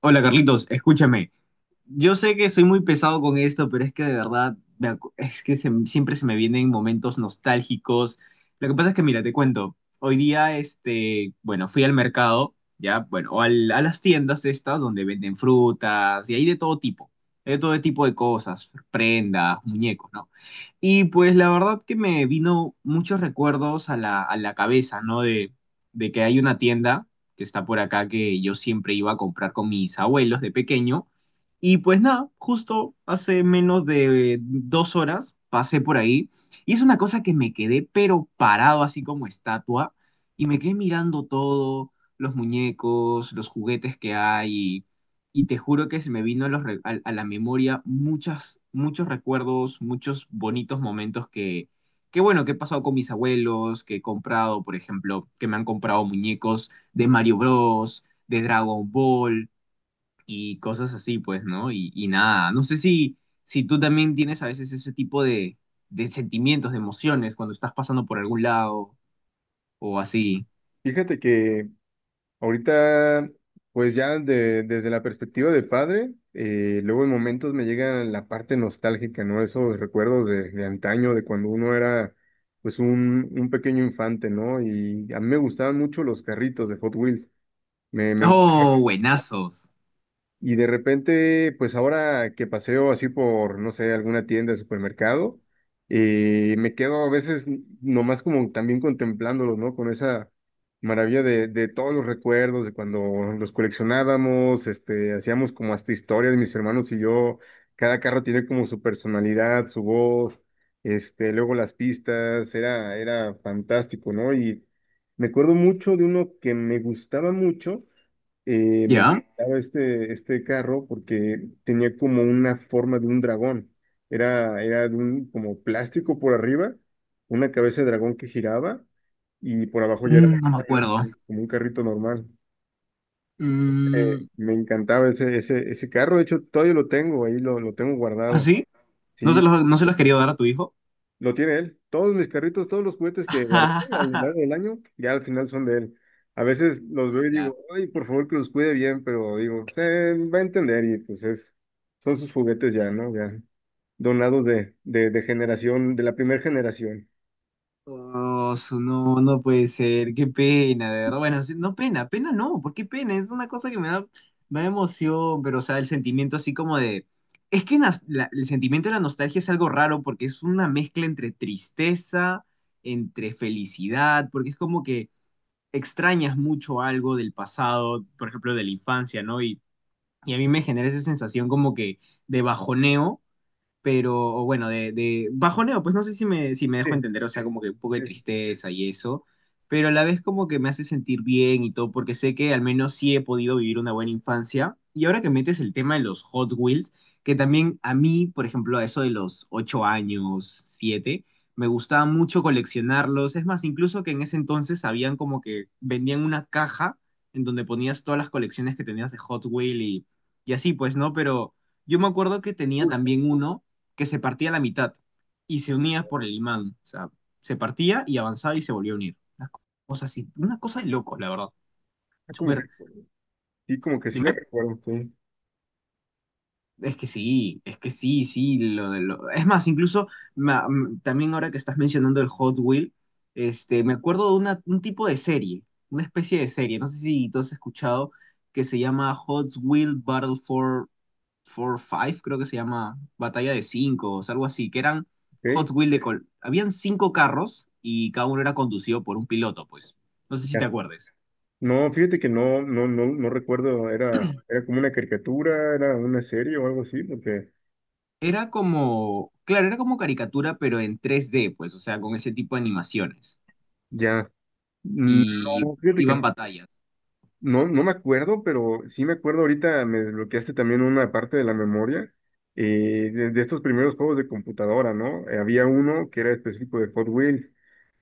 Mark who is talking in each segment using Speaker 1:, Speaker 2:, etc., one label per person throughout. Speaker 1: Hola Carlitos, escúchame. Yo sé que soy muy pesado con esto, pero es que de verdad, me acu- es que se- siempre se me vienen momentos nostálgicos. Lo que pasa es que, mira, te cuento. Hoy día, este, bueno, fui al mercado, ya, bueno, a las tiendas estas donde venden frutas y hay de todo tipo. Hay de todo tipo de cosas, prendas, muñecos, ¿no? Y pues la verdad que me vino muchos recuerdos a la cabeza, ¿no? De que hay una tienda que está por acá que yo siempre iba a comprar con mis abuelos de pequeño. Y pues nada, justo hace menos de dos horas pasé por ahí y es una cosa que me quedé pero parado así como estatua y me quedé mirando todo, los muñecos, los juguetes que hay y te juro que se me vino a, los re- a la memoria muchos recuerdos, muchos bonitos momentos que bueno, que he pasado con mis abuelos, que he comprado, por ejemplo, que me han comprado muñecos de Mario Bros, de Dragon Ball y cosas así, pues, ¿no? Y nada, no sé si tú también tienes a veces ese tipo de sentimientos, de emociones cuando estás pasando por algún lado o así.
Speaker 2: Fíjate que ahorita, pues ya desde la perspectiva de padre, luego en momentos me llega la parte nostálgica, ¿no? Esos recuerdos de antaño, de cuando uno era pues un pequeño infante, ¿no? Y a mí me gustaban mucho los carritos de Hot Wheels. Me
Speaker 1: Oh, buenazos.
Speaker 2: Y de repente, pues ahora que paseo así por, no sé, alguna tienda de supermercado, me quedo a veces nomás como también contemplándolo, ¿no? Con esa maravilla de todos los recuerdos, de cuando los coleccionábamos, hacíamos como hasta historias, mis hermanos y yo, cada carro tiene como su personalidad, su voz, luego las pistas, era fantástico, ¿no? Y me acuerdo mucho de uno que me gustaba mucho, me
Speaker 1: ¿Ya?
Speaker 2: encantaba este carro porque tenía como una forma de un dragón. Era de un como plástico por arriba, una cabeza de dragón que giraba y por abajo ya era
Speaker 1: Mm, no me acuerdo.
Speaker 2: como un carrito normal.
Speaker 1: Mm.
Speaker 2: Me encantaba ese, ese carro, de hecho todavía lo tengo, ahí lo tengo
Speaker 1: ¿Ah,
Speaker 2: guardado.
Speaker 1: sí? ¿No
Speaker 2: Sí.
Speaker 1: se los, no se los quería dar a tu hijo?
Speaker 2: Lo tiene él. Todos mis carritos, todos los juguetes que guardé a lo largo del año, ya al final son de él. A veces los veo y
Speaker 1: Ala.
Speaker 2: digo, ay, por favor que los cuide bien, pero digo, va a entender y pues es, son sus juguetes ya, ¿no? Ya donados de generación, de la primera generación.
Speaker 1: Oh, no, no puede ser, qué pena, de verdad. Bueno, sí, no pena, pena no, ¿por qué pena? Es una cosa que me da emoción, pero o sea, el sentimiento así como de... Es que el sentimiento de la nostalgia es algo raro porque es una mezcla entre tristeza, entre felicidad, porque es como que extrañas mucho algo del pasado, por ejemplo, de la infancia, ¿no? Y a mí me genera esa sensación como que de bajoneo, pero bueno, de bajoneo, pues no sé si me dejo
Speaker 2: Sí,
Speaker 1: entender, o sea, como que un poco de
Speaker 2: sí, sí,
Speaker 1: tristeza y eso, pero a la vez como que me hace sentir bien y todo, porque sé que al menos sí he podido vivir una buena infancia. Y ahora que metes el tema de los Hot Wheels, que también a mí, por ejemplo, a eso de los 8 años, siete, me gustaba mucho coleccionarlos. Es más, incluso que en ese entonces habían como que vendían una caja en donde ponías todas las colecciones que tenías de Hot Wheels y así, pues, ¿no? Pero yo me acuerdo que tenía
Speaker 2: cool, ¿no?
Speaker 1: también uno que se partía a la mitad y se unía por el imán. O sea, se partía y avanzaba y se volvió a unir. Una cosa así, una cosa de loco, la verdad.
Speaker 2: Ah, como que,
Speaker 1: Súper.
Speaker 2: sí, como que sí la
Speaker 1: Dime.
Speaker 2: recuerdo, sí.
Speaker 1: Es que sí, de lo... Es más, incluso también ahora que estás mencionando el Hot Wheel, este, me acuerdo un tipo de serie, una especie de serie, no sé si tú has escuchado, que se llama Hot Wheel Battle for Five, creo que se llama Batalla de Cinco, o sea, algo así, que eran Hot
Speaker 2: Ok,
Speaker 1: Wheel Habían cinco carros y cada uno era conducido por un piloto, pues. No sé si te
Speaker 2: ya.
Speaker 1: acuerdes.
Speaker 2: No, fíjate que no recuerdo, era como una caricatura, era una serie o algo así, porque
Speaker 1: Era como, claro, era como caricatura, pero en 3D, pues, o sea, con ese tipo de animaciones.
Speaker 2: ya. No,
Speaker 1: Y
Speaker 2: fíjate que
Speaker 1: iban
Speaker 2: no.
Speaker 1: batallas.
Speaker 2: No, no me acuerdo, pero sí me acuerdo ahorita, me desbloqueaste también una parte de la memoria, de estos primeros juegos de computadora, ¿no? Había uno que era específico de Hot Wheels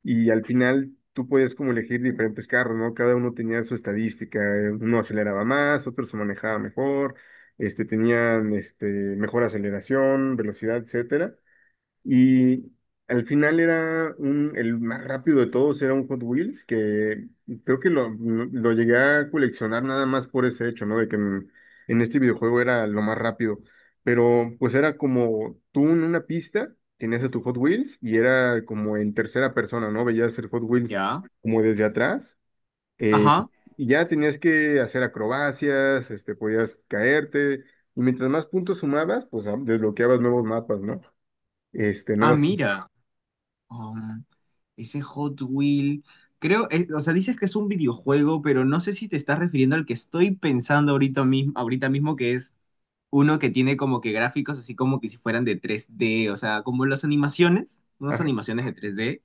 Speaker 2: y al final tú podías como elegir diferentes carros, ¿no? Cada uno tenía su estadística, uno aceleraba más, otro se manejaba mejor, mejor aceleración, velocidad, etcétera. Y al final era el más rápido de todos, era un Hot Wheels, que creo que lo llegué a coleccionar nada más por ese hecho, ¿no? De en este videojuego era lo más rápido. Pero pues era como tú en una pista, tenías a tu Hot Wheels y era como en tercera persona, ¿no? Veías el Hot Wheels
Speaker 1: ¿Ya?
Speaker 2: como desde atrás. Eh,
Speaker 1: Ajá.
Speaker 2: y ya tenías que hacer acrobacias, este, podías caerte. Y mientras más puntos sumabas, pues ah, desbloqueabas nuevos mapas, ¿no? Este,
Speaker 1: Ah,
Speaker 2: nuevas.
Speaker 1: mira. Um, ese Hot Wheel. Creo, es- o sea, dices que es un videojuego, pero no sé si te estás refiriendo al que estoy pensando ahorita mismo, que es uno que tiene como que gráficos así como que si fueran de tres d, o sea, como las animaciones, unas
Speaker 2: Ajá,
Speaker 1: animaciones de tres d,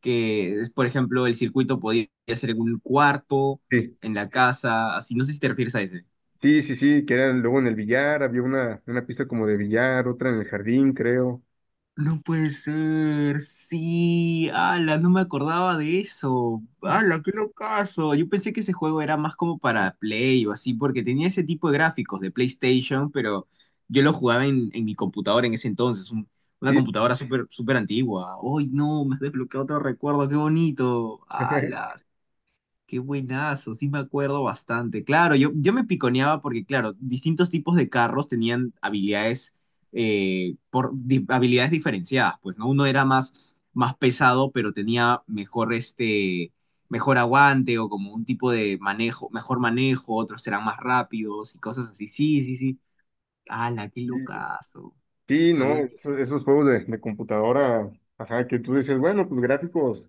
Speaker 1: que es, por ejemplo, el circuito podía ser en un cuarto,
Speaker 2: sí,
Speaker 1: en la casa, así, no sé si te refieres a ese.
Speaker 2: sí, sí, sí, que eran luego en el billar, había una pista como de billar, otra en el jardín, creo.
Speaker 1: No puede ser, sí, ala, no me acordaba de eso, ala, qué locazo, yo pensé que ese juego era más como para Play o así, porque tenía ese tipo de gráficos de PlayStation, pero yo lo jugaba en mi computadora en ese entonces, una
Speaker 2: Sí, sí,
Speaker 1: computadora súper súper antigua. ¡Ay, no, me has desbloqueado otro recuerdo, qué bonito, ala! Qué buenazo, sí me acuerdo bastante. Claro, yo me piconeaba porque, claro, distintos tipos de carros tenían habilidades, habilidades diferenciadas, pues, ¿no? Uno era más, más pesado, pero tenía mejor, este, mejor aguante o como un tipo de manejo, mejor manejo, otros eran más rápidos y cosas así. Sí, sí, sí. ¡Hala, qué
Speaker 2: sí,
Speaker 1: locazo!
Speaker 2: sí,
Speaker 1: Lo había
Speaker 2: no,
Speaker 1: olvidado.
Speaker 2: juegos de computadora, ajá, que tú dices, bueno, pues gráficos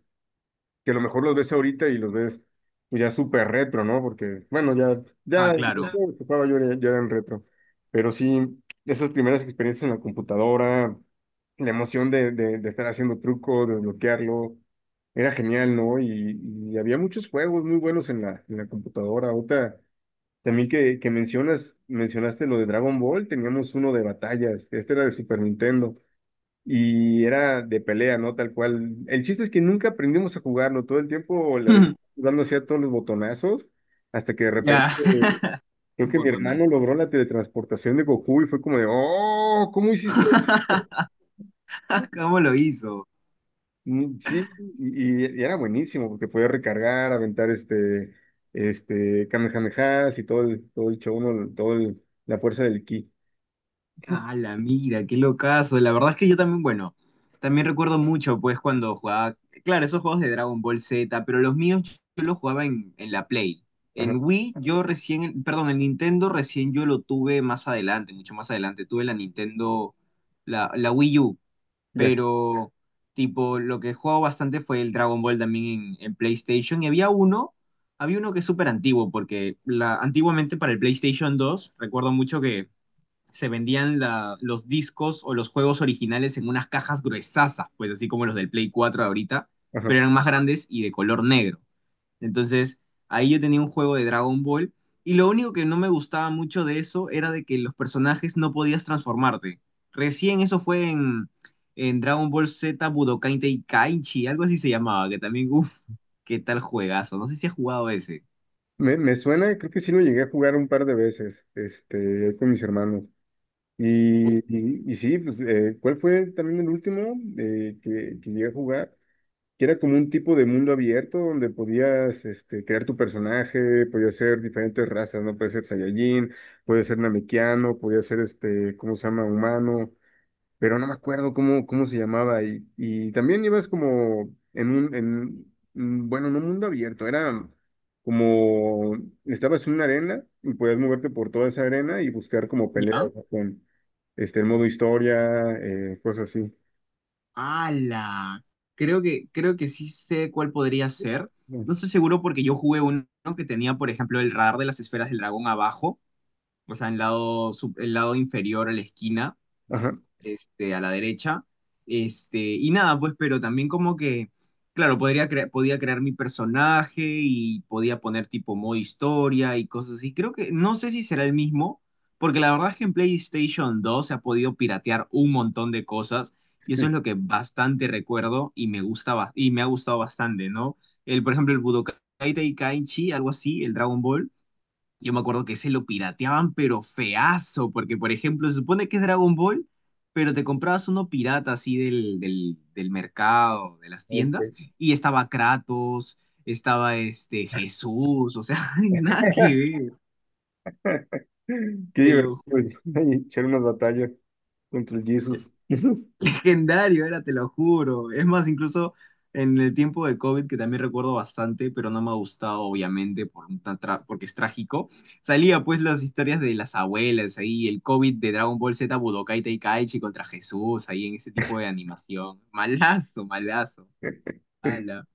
Speaker 2: que a lo mejor los ves ahorita y los ves pues, ya súper retro, ¿no? Porque, bueno,
Speaker 1: Ah,
Speaker 2: los
Speaker 1: claro.
Speaker 2: juegos que jugaba yo ya eran retro. Pero sí, esas primeras experiencias en la computadora, la emoción de estar haciendo truco, de desbloquearlo, era genial, ¿no? Y había muchos juegos muy buenos en en la computadora. Ahorita, también que mencionas, mencionaste lo de Dragon Ball, teníamos uno de batallas, este era de Super Nintendo y era de pelea, ¿no? Tal cual. El chiste es que nunca aprendimos a jugarlo, todo el tiempo dándose a todos los botonazos, hasta que de repente
Speaker 1: Ya.
Speaker 2: creo que mi hermano
Speaker 1: Botonazo.
Speaker 2: logró la teletransportación de Goku y fue como de, oh, ¿cómo hiciste esto?".
Speaker 1: ¿Cómo lo hizo?
Speaker 2: Mm. Sí, y era buenísimo porque podía recargar, aventar Kamehamehas y todo el show, ¿no? La fuerza del ki.
Speaker 1: Ah, la mira, qué locazo. La verdad es que yo también, bueno, también recuerdo mucho, pues, cuando jugaba, claro, esos juegos de Dragon Ball Z, pero los míos yo los jugaba en la Play.
Speaker 2: Ajá,
Speaker 1: En Wii, yo recién, perdón, en Nintendo recién yo lo tuve más adelante, mucho más adelante. Tuve la Nintendo, la Wii U,
Speaker 2: ya,
Speaker 1: pero, tipo, lo que jugaba bastante fue el Dragon Ball también en PlayStation. Y había uno que es súper antiguo, porque la, antiguamente para el PlayStation 2, recuerdo mucho que se vendían los discos o los juegos originales en unas cajas gruesasas, pues así como los del Play 4 de ahorita,
Speaker 2: ajá.
Speaker 1: pero eran más grandes y de color negro. Entonces, ahí yo tenía un juego de Dragon Ball y lo único que no me gustaba mucho de eso era de que los personajes no podías transformarte. Recién eso fue en Dragon Ball Z Budokai Tenkaichi, algo así se llamaba, que también, uff, qué tal juegazo. No sé si has jugado ese.
Speaker 2: Me suena, creo que sí lo llegué a jugar un par de veces, este, ahí con mis hermanos. Y sí, pues, ¿cuál fue también el último, que llegué a jugar? Que era como un tipo de mundo abierto donde podías, este, crear tu personaje, podías ser diferentes razas, ¿no? Puede ser Saiyajin, puede ser Namekiano, podía ser, este, ¿cómo se llama? Humano, pero no me acuerdo cómo, cómo se llamaba. Y también ibas como en bueno, no mundo abierto, era como, estabas en una arena y podías moverte por toda esa arena y buscar como
Speaker 1: ¿Ya?
Speaker 2: peleas, ¿no? Con este, el modo historia, cosas así.
Speaker 1: Ala, creo que sí sé cuál podría ser.
Speaker 2: Mm.
Speaker 1: No estoy seguro porque yo jugué uno que tenía, por ejemplo, el radar de las esferas del dragón abajo, o sea, en lado, el lado inferior a la esquina,
Speaker 2: Ajá,
Speaker 1: este, a la derecha. Este, y nada, pues, pero también como que, claro, podía crear mi personaje y podía poner tipo modo historia y cosas así. Creo que, no sé si será el mismo, porque la verdad es que en PlayStation 2 se ha podido piratear un montón de cosas y eso es
Speaker 2: sí.
Speaker 1: lo que bastante recuerdo y me gustaba, y me ha gustado bastante, ¿no? El, por ejemplo, el Budokai Tenkaichi, algo así, el Dragon Ball, yo me acuerdo que se lo pirateaban, pero feazo, porque por ejemplo, se supone que es Dragon Ball, pero te comprabas uno pirata así del mercado, de las
Speaker 2: Ok.
Speaker 1: tiendas, y estaba Kratos, estaba este Jesús, o sea, nada que ver,
Speaker 2: Qué
Speaker 1: te lo
Speaker 2: divertido,
Speaker 1: juro.
Speaker 2: echar unas batallas contra el Jesus.
Speaker 1: Legendario era, te lo juro. Es más, incluso en el tiempo de COVID, que también recuerdo bastante, pero no me ha gustado, obviamente, porque es trágico, salía pues las historias de las abuelas ahí, el COVID de Dragon Ball Z, Budokai Tenkaichi contra Jesús, ahí en ese tipo de animación. Malazo, malazo. Ala.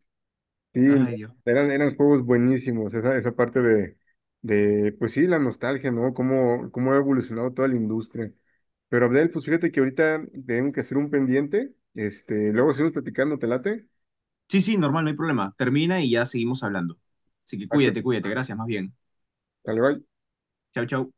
Speaker 2: Sí, no,
Speaker 1: Ay, Dios.
Speaker 2: eran juegos buenísimos, esa parte de, pues sí, la nostalgia, ¿no? Cómo, cómo ha evolucionado toda la industria. Pero Abdel, pues fíjate que ahorita tengo que hacer un pendiente, este, luego seguimos platicando, ¿te late?
Speaker 1: Sí, sí, normal, no hay problema. Termina y ya seguimos hablando. Así que
Speaker 2: Ah, que-
Speaker 1: cuídate, cuídate. Gracias, más bien.
Speaker 2: Dale, bye.
Speaker 1: Chau, chau.